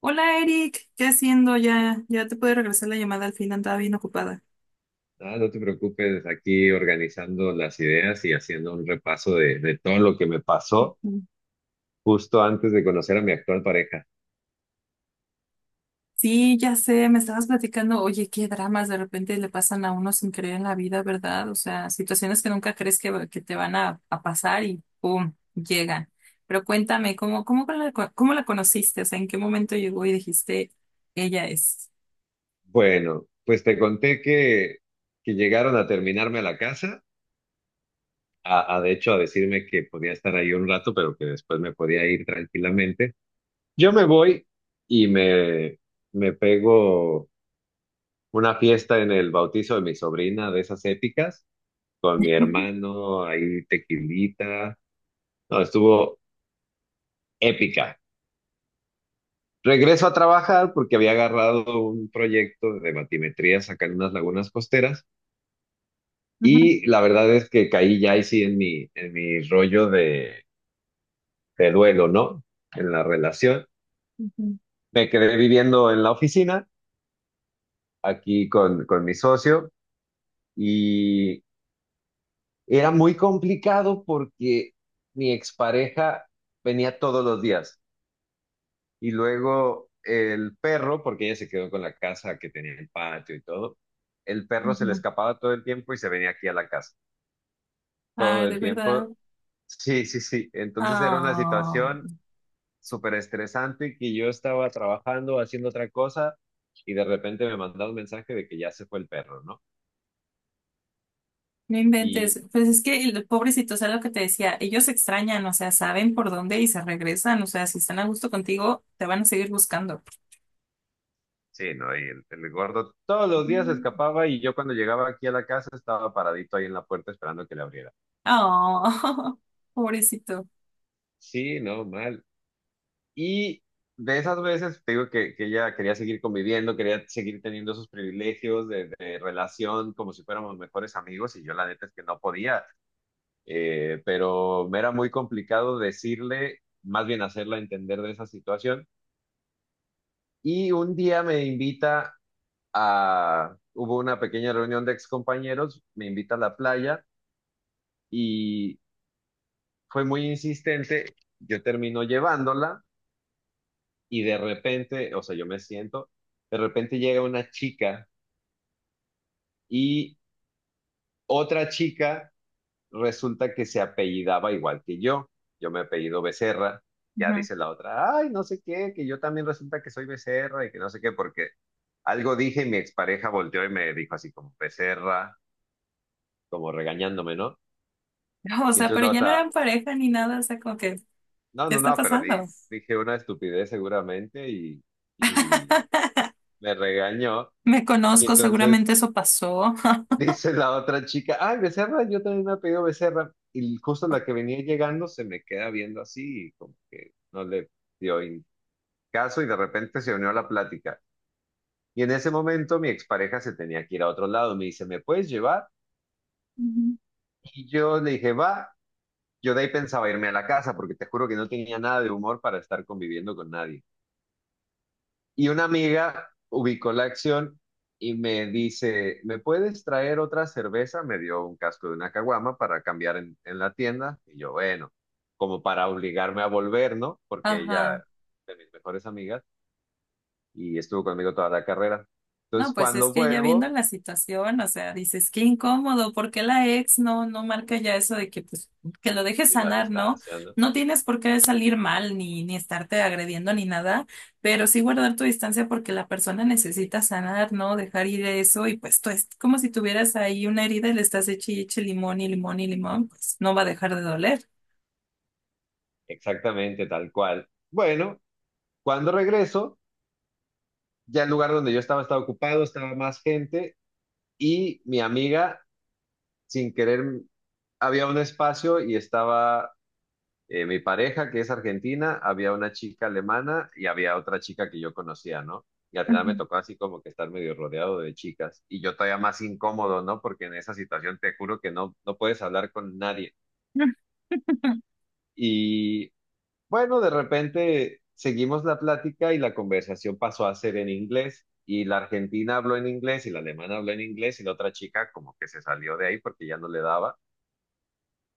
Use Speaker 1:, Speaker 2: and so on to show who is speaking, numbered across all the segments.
Speaker 1: Hola Eric, ¿qué haciendo? Ya te puede regresar la llamada al fin, andaba bien ocupada.
Speaker 2: Ah, no te preocupes, aquí organizando las ideas y haciendo un repaso de todo lo que me pasó
Speaker 1: Mm.
Speaker 2: justo antes de conocer a mi actual pareja.
Speaker 1: Sí, ya sé, me estabas platicando, oye, qué dramas de repente le pasan a uno sin creer en la vida, ¿verdad? O sea, situaciones que nunca crees que te van a pasar y ¡pum! Llegan. Pero cuéntame, ¿cómo, cómo la conociste? O sea, ¿en qué momento llegó y dijiste, ella es?
Speaker 2: Bueno, pues te conté que llegaron a terminarme a la casa, a de hecho a decirme que podía estar ahí un rato, pero que después me podía ir tranquilamente. Yo me voy y me pego una fiesta en el bautizo de mi sobrina, de esas épicas, con mi
Speaker 1: Ujú,
Speaker 2: hermano, ahí tequilita. No, estuvo épica. Regreso a trabajar porque había agarrado un proyecto de matimetrías acá en unas lagunas costeras
Speaker 1: ujú,
Speaker 2: y la verdad es que caí ya ahí sí en mi rollo de duelo, ¿no? En la relación.
Speaker 1: ujú.
Speaker 2: Me quedé viviendo en la oficina aquí con mi socio y era muy complicado porque mi expareja venía todos los días. Y luego el perro, porque ella se quedó con la casa que tenía el patio y todo, el perro se le
Speaker 1: Ujú.
Speaker 2: escapaba todo el tiempo y se venía aquí a la casa,
Speaker 1: Ah,
Speaker 2: todo
Speaker 1: de
Speaker 2: el
Speaker 1: verdad.
Speaker 2: tiempo. Sí, sí, sí. Entonces era una
Speaker 1: Ah.
Speaker 2: situación súper estresante y que yo estaba trabajando, haciendo otra cosa y de repente me mandaba un mensaje de que ya se fue el perro, ¿no?
Speaker 1: No
Speaker 2: Y
Speaker 1: inventes, pues es que el pobrecito, o sea, lo que te decía, ellos extrañan, o sea, saben por dónde y se regresan, o sea, si están a gusto contigo, te van a seguir buscando.
Speaker 2: sí, no, y el gordo todos los días se escapaba y yo cuando llegaba aquí a la casa estaba paradito ahí en la puerta esperando que le abriera.
Speaker 1: Oh, pobrecito.
Speaker 2: Sí, no, mal. Y de esas veces, te digo que ella quería seguir conviviendo, quería seguir teniendo esos privilegios de relación como si fuéramos mejores amigos y yo la neta es que no podía, pero me era muy complicado decirle, más bien hacerla entender de esa situación. Y un día me invita hubo una pequeña reunión de excompañeros, me invita a la playa y fue muy insistente, yo termino llevándola. Y de repente, o sea, yo me siento, de repente llega una chica y otra chica resulta que se apellidaba igual que yo. Yo me apellido Becerra, ya
Speaker 1: Ujú.
Speaker 2: dice la otra, ay, no sé qué, que yo también resulta que soy Becerra y que no sé qué, porque algo dije y mi expareja volteó y me dijo así como Becerra, como regañándome, ¿no?
Speaker 1: No, o
Speaker 2: Y
Speaker 1: sea,
Speaker 2: entonces
Speaker 1: pero
Speaker 2: la
Speaker 1: ya no eran
Speaker 2: otra,
Speaker 1: pareja ni nada, o sea, como que,
Speaker 2: no,
Speaker 1: ¿qué
Speaker 2: no,
Speaker 1: está
Speaker 2: no, pero
Speaker 1: pasando?
Speaker 2: dije una estupidez seguramente y me regañó.
Speaker 1: Me
Speaker 2: Y
Speaker 1: conozco,
Speaker 2: entonces
Speaker 1: seguramente eso pasó.
Speaker 2: dice la otra chica, ay, Becerra, yo también me he pedido Becerra. Y justo la que venía llegando se me queda viendo así, y como que no le dio caso y de repente se unió a la plática. Y en ese momento mi expareja se tenía que ir a otro lado. Me dice, ¿me puedes llevar?
Speaker 1: Ujú.
Speaker 2: Y yo le dije, va. Yo de ahí pensaba irme a la casa porque te juro que no tenía nada de humor para estar conviviendo con nadie. Y una amiga ubicó la acción y me dice, ¿me puedes traer otra cerveza? Me dio un casco de una caguama para cambiar en la tienda. Y yo, bueno, como para obligarme a volver, ¿no? Porque
Speaker 1: Ajá.
Speaker 2: ella, de mis mejores amigas, y estuvo conmigo toda la carrera.
Speaker 1: No,
Speaker 2: Entonces,
Speaker 1: pues es
Speaker 2: cuando
Speaker 1: que ya viendo
Speaker 2: vuelvo,
Speaker 1: la situación, o sea, dices, qué incómodo, ¿por qué la ex no marca ya eso de que, pues, que lo dejes
Speaker 2: y la
Speaker 1: sanar, ¿no?
Speaker 2: distancia, ¿no?
Speaker 1: No tienes por qué salir mal, ni, ni estarte agrediendo, ni nada, pero sí guardar tu distancia porque la persona necesita sanar, ¿no? Dejar ir eso, y pues tú es como si tuvieras ahí una herida y le estás eche, y eche limón y limón y limón, pues no va a dejar de doler.
Speaker 2: Exactamente, tal cual. Bueno, cuando regreso, ya el lugar donde yo estaba estaba ocupado, estaba más gente, y mi amiga, sin querer, había un espacio y estaba mi pareja, que es argentina, había una chica alemana y había otra chica que yo conocía, ¿no? Y al final me tocó así como que estar medio rodeado de chicas. Y yo todavía más incómodo, ¿no? Porque en esa situación te juro que no puedes hablar con nadie. Y bueno, de repente seguimos la plática y la conversación pasó a ser en inglés. Y la argentina habló en inglés y la alemana habló en inglés y la otra chica como que se salió de ahí porque ya no le daba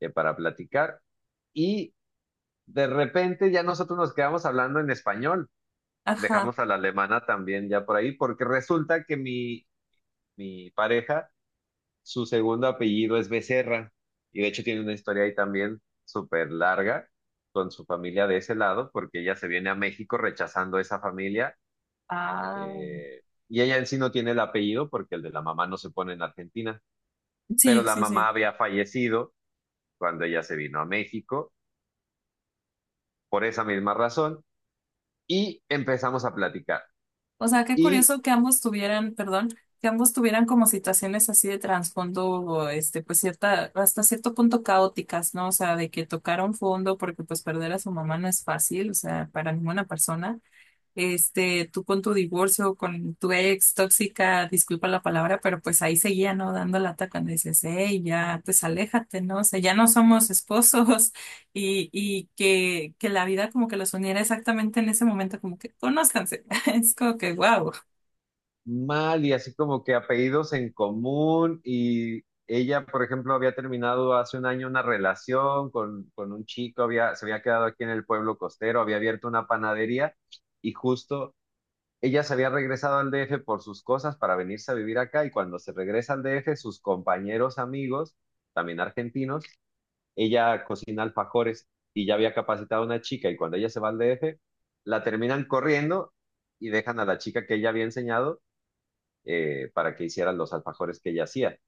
Speaker 2: para platicar. Y de repente ya nosotros nos quedamos hablando en español,
Speaker 1: Ajá.
Speaker 2: dejamos a la alemana también ya por ahí, porque resulta que mi pareja, su segundo apellido es Becerra, y de hecho tiene una historia ahí también súper larga con su familia de ese lado, porque ella se viene a México rechazando esa familia,
Speaker 1: Ah,
Speaker 2: eh, y ella en sí no tiene el apellido porque el de la mamá no se pone en Argentina, pero
Speaker 1: sí,
Speaker 2: la
Speaker 1: sí,
Speaker 2: mamá
Speaker 1: sí.
Speaker 2: había fallecido cuando ella se vino a México por esa misma razón, y empezamos a platicar.
Speaker 1: O sea, qué
Speaker 2: Y
Speaker 1: curioso que ambos tuvieran, perdón, que ambos tuvieran como situaciones así de trasfondo, o, este, pues cierta, hasta cierto punto caóticas, ¿no? O sea, de que tocaron fondo porque pues perder a su mamá no es fácil, o sea, para ninguna persona. Este, tú con tu divorcio, con tu ex tóxica, disculpa la palabra, pero pues ahí seguía, ¿no? Dando lata cuando dices, hey, ya, pues aléjate, ¿no? O sea, ya no somos esposos y que la vida como que los uniera exactamente en ese momento, como que conózcanse. Es como que, wow.
Speaker 2: mal y así como que apellidos en común y ella, por ejemplo, había terminado hace 1 año una relación con un chico, se había quedado aquí en el pueblo costero, había abierto una panadería y justo ella se había regresado al DF por sus cosas para venirse a vivir acá y cuando se regresa al DF, sus compañeros amigos, también argentinos, ella cocina alfajores y ya había capacitado a una chica y cuando ella se va al DF, la terminan corriendo. Y dejan a la chica que ella había enseñado para que hicieran los alfajores que ella hacía.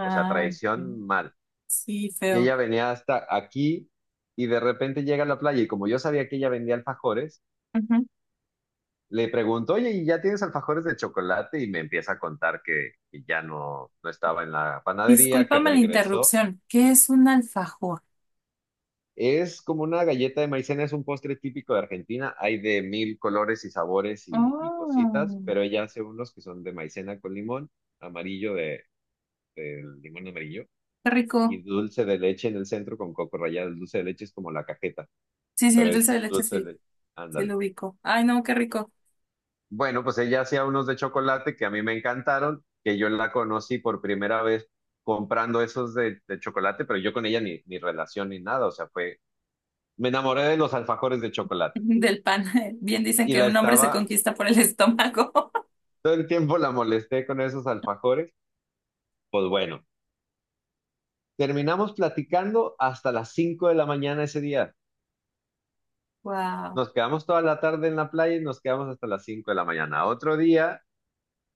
Speaker 2: O sea,
Speaker 1: ok.
Speaker 2: traición mal.
Speaker 1: Sí,
Speaker 2: Y
Speaker 1: feo.
Speaker 2: ella venía hasta aquí y de repente llega a la playa y como yo sabía que ella vendía alfajores,
Speaker 1: Ujú.
Speaker 2: le pregunto, oye, ¿y ya tienes alfajores de chocolate? Y me empieza a contar que ya no estaba en la panadería, que
Speaker 1: Discúlpame la
Speaker 2: regresó.
Speaker 1: interrupción. ¿Qué es un alfajor?
Speaker 2: Es como una galleta de maicena, es un postre típico de Argentina. Hay de mil colores y sabores y cositas,
Speaker 1: Oh,
Speaker 2: pero ella hace unos que son de maicena con limón, amarillo del limón amarillo
Speaker 1: qué
Speaker 2: y
Speaker 1: rico.
Speaker 2: dulce de leche en el centro con coco rallado. El dulce de leche es como la cajeta,
Speaker 1: Sí, sí, el
Speaker 2: pero es
Speaker 1: dulce de leche,
Speaker 2: dulce de
Speaker 1: sí,
Speaker 2: leche.
Speaker 1: sí
Speaker 2: Ándale.
Speaker 1: lo ubico. Ay, no, qué rico.
Speaker 2: Bueno, pues ella hacía unos de chocolate que a mí me encantaron, que yo la conocí por primera vez comprando esos de chocolate, pero yo con ella ni relación ni nada, o sea, fue, me enamoré de los alfajores de chocolate
Speaker 1: Del pan. Bien dicen
Speaker 2: y
Speaker 1: que
Speaker 2: la
Speaker 1: un hombre se
Speaker 2: estaba,
Speaker 1: conquista por el estómago.
Speaker 2: todo el tiempo la molesté con esos alfajores, pues bueno, terminamos platicando hasta las 5 de la mañana ese día.
Speaker 1: Wow.
Speaker 2: Nos quedamos toda la tarde en la playa y nos quedamos hasta las 5 de la mañana. Otro día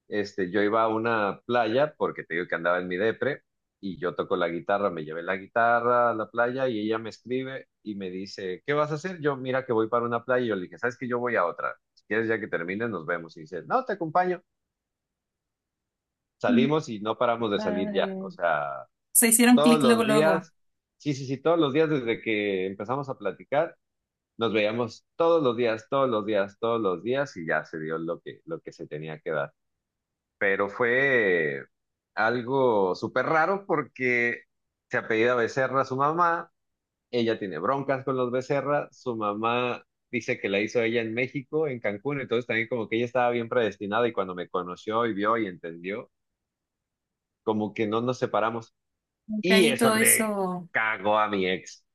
Speaker 2: yo iba a una playa porque te digo que andaba en mi depre y yo toco la guitarra, me llevé la guitarra a la playa y ella me escribe y me dice, ¿qué vas a hacer? Yo, mira que voy para una playa y yo le dije, ¿sabes que yo voy a otra. Si quieres ya que termine, nos vemos. Y dice, no, te acompaño. Salimos y no paramos de salir ya. O
Speaker 1: Padre.
Speaker 2: sea,
Speaker 1: Se hicieron
Speaker 2: todos
Speaker 1: clic luego,
Speaker 2: los
Speaker 1: luego.
Speaker 2: días, sí, sí, sí, todos los días desde que empezamos a platicar. Nos veíamos todos los días, todos los días, todos los días y ya se dio lo que se tenía que dar. Pero fue algo súper raro porque se apellida Becerra su mamá, ella tiene broncas con los Becerra, su mamá dice que la hizo ella en México, en Cancún, entonces también como que ella estaba bien predestinada y cuando me conoció y vio y entendió, como que no nos separamos y
Speaker 1: Caí
Speaker 2: eso
Speaker 1: todo
Speaker 2: le
Speaker 1: eso.
Speaker 2: cagó a mi ex.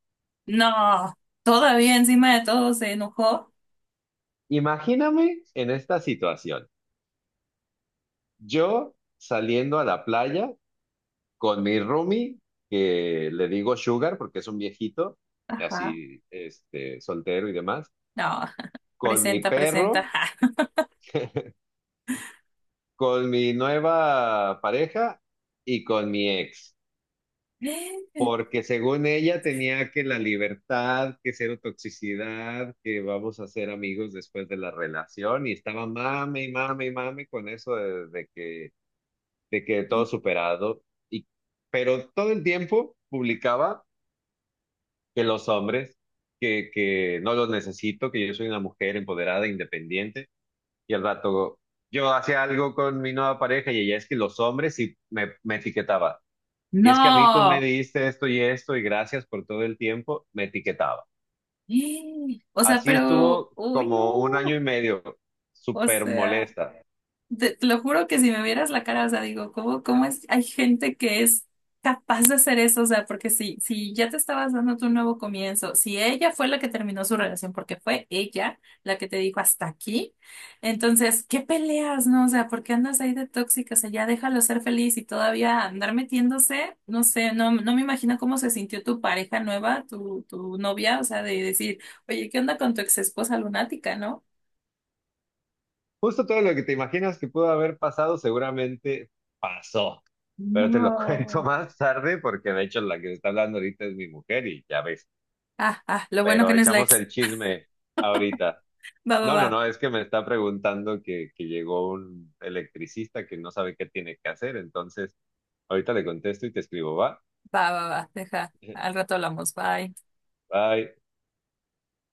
Speaker 1: No. Todavía encima de todo se enojó.
Speaker 2: Imagíname en esta situación, yo saliendo a la playa con mi roomie, que le digo Sugar porque es un viejito,
Speaker 1: Ajá.
Speaker 2: así, soltero y demás,
Speaker 1: No.
Speaker 2: con mi
Speaker 1: Presenta, presenta.
Speaker 2: perro,
Speaker 1: Ajá.
Speaker 2: con mi nueva pareja y con mi ex, porque según ella tenía que la libertad, que cero toxicidad, que vamos a ser amigos después de la relación y estaba mame y mame y mame con eso de que, de que todo superado. y Pero todo el tiempo publicaba que los hombres, que no los necesito, que yo soy una mujer empoderada, independiente, y al rato yo hacía algo con mi nueva pareja y ella es que los hombres sí me etiquetaba. Y es que a mí tú me
Speaker 1: No.
Speaker 2: diste esto y esto y gracias por todo el tiempo, me etiquetaba.
Speaker 1: O sea,
Speaker 2: Así
Speaker 1: pero.
Speaker 2: estuvo
Speaker 1: Uy, no.
Speaker 2: como 1 año y medio,
Speaker 1: O
Speaker 2: súper
Speaker 1: sea.
Speaker 2: molesta.
Speaker 1: Te lo juro que si me vieras la cara, o sea, digo, ¿cómo, cómo es? Hay gente que es capaz de hacer eso, o sea, porque si, si ya te estabas dando tu nuevo comienzo, si ella fue la que terminó su relación, porque fue ella la que te dijo hasta aquí, entonces, ¿qué peleas, no? O sea, ¿por qué andas ahí de tóxica? O sea, ya déjalo ser feliz y todavía andar metiéndose, no sé, no, no me imagino cómo se sintió tu pareja nueva, tu novia, o sea, de decir, oye, ¿qué onda con tu ex esposa lunática, no?
Speaker 2: Justo todo lo que te imaginas que pudo haber pasado seguramente pasó. Pero te lo cuento
Speaker 1: No.
Speaker 2: más tarde porque de hecho la que está hablando ahorita es mi mujer y ya ves,
Speaker 1: Ah, ah, lo bueno
Speaker 2: pero
Speaker 1: que no es la
Speaker 2: echamos
Speaker 1: ex.
Speaker 2: el chisme ahorita.
Speaker 1: Va, va,
Speaker 2: No,
Speaker 1: va,
Speaker 2: no, no, es que me está preguntando que llegó un electricista que no sabe qué tiene que hacer, entonces ahorita le contesto y te escribo, ¿va?
Speaker 1: va, va, va. Deja, al rato hablamos. Bye.
Speaker 2: Bye.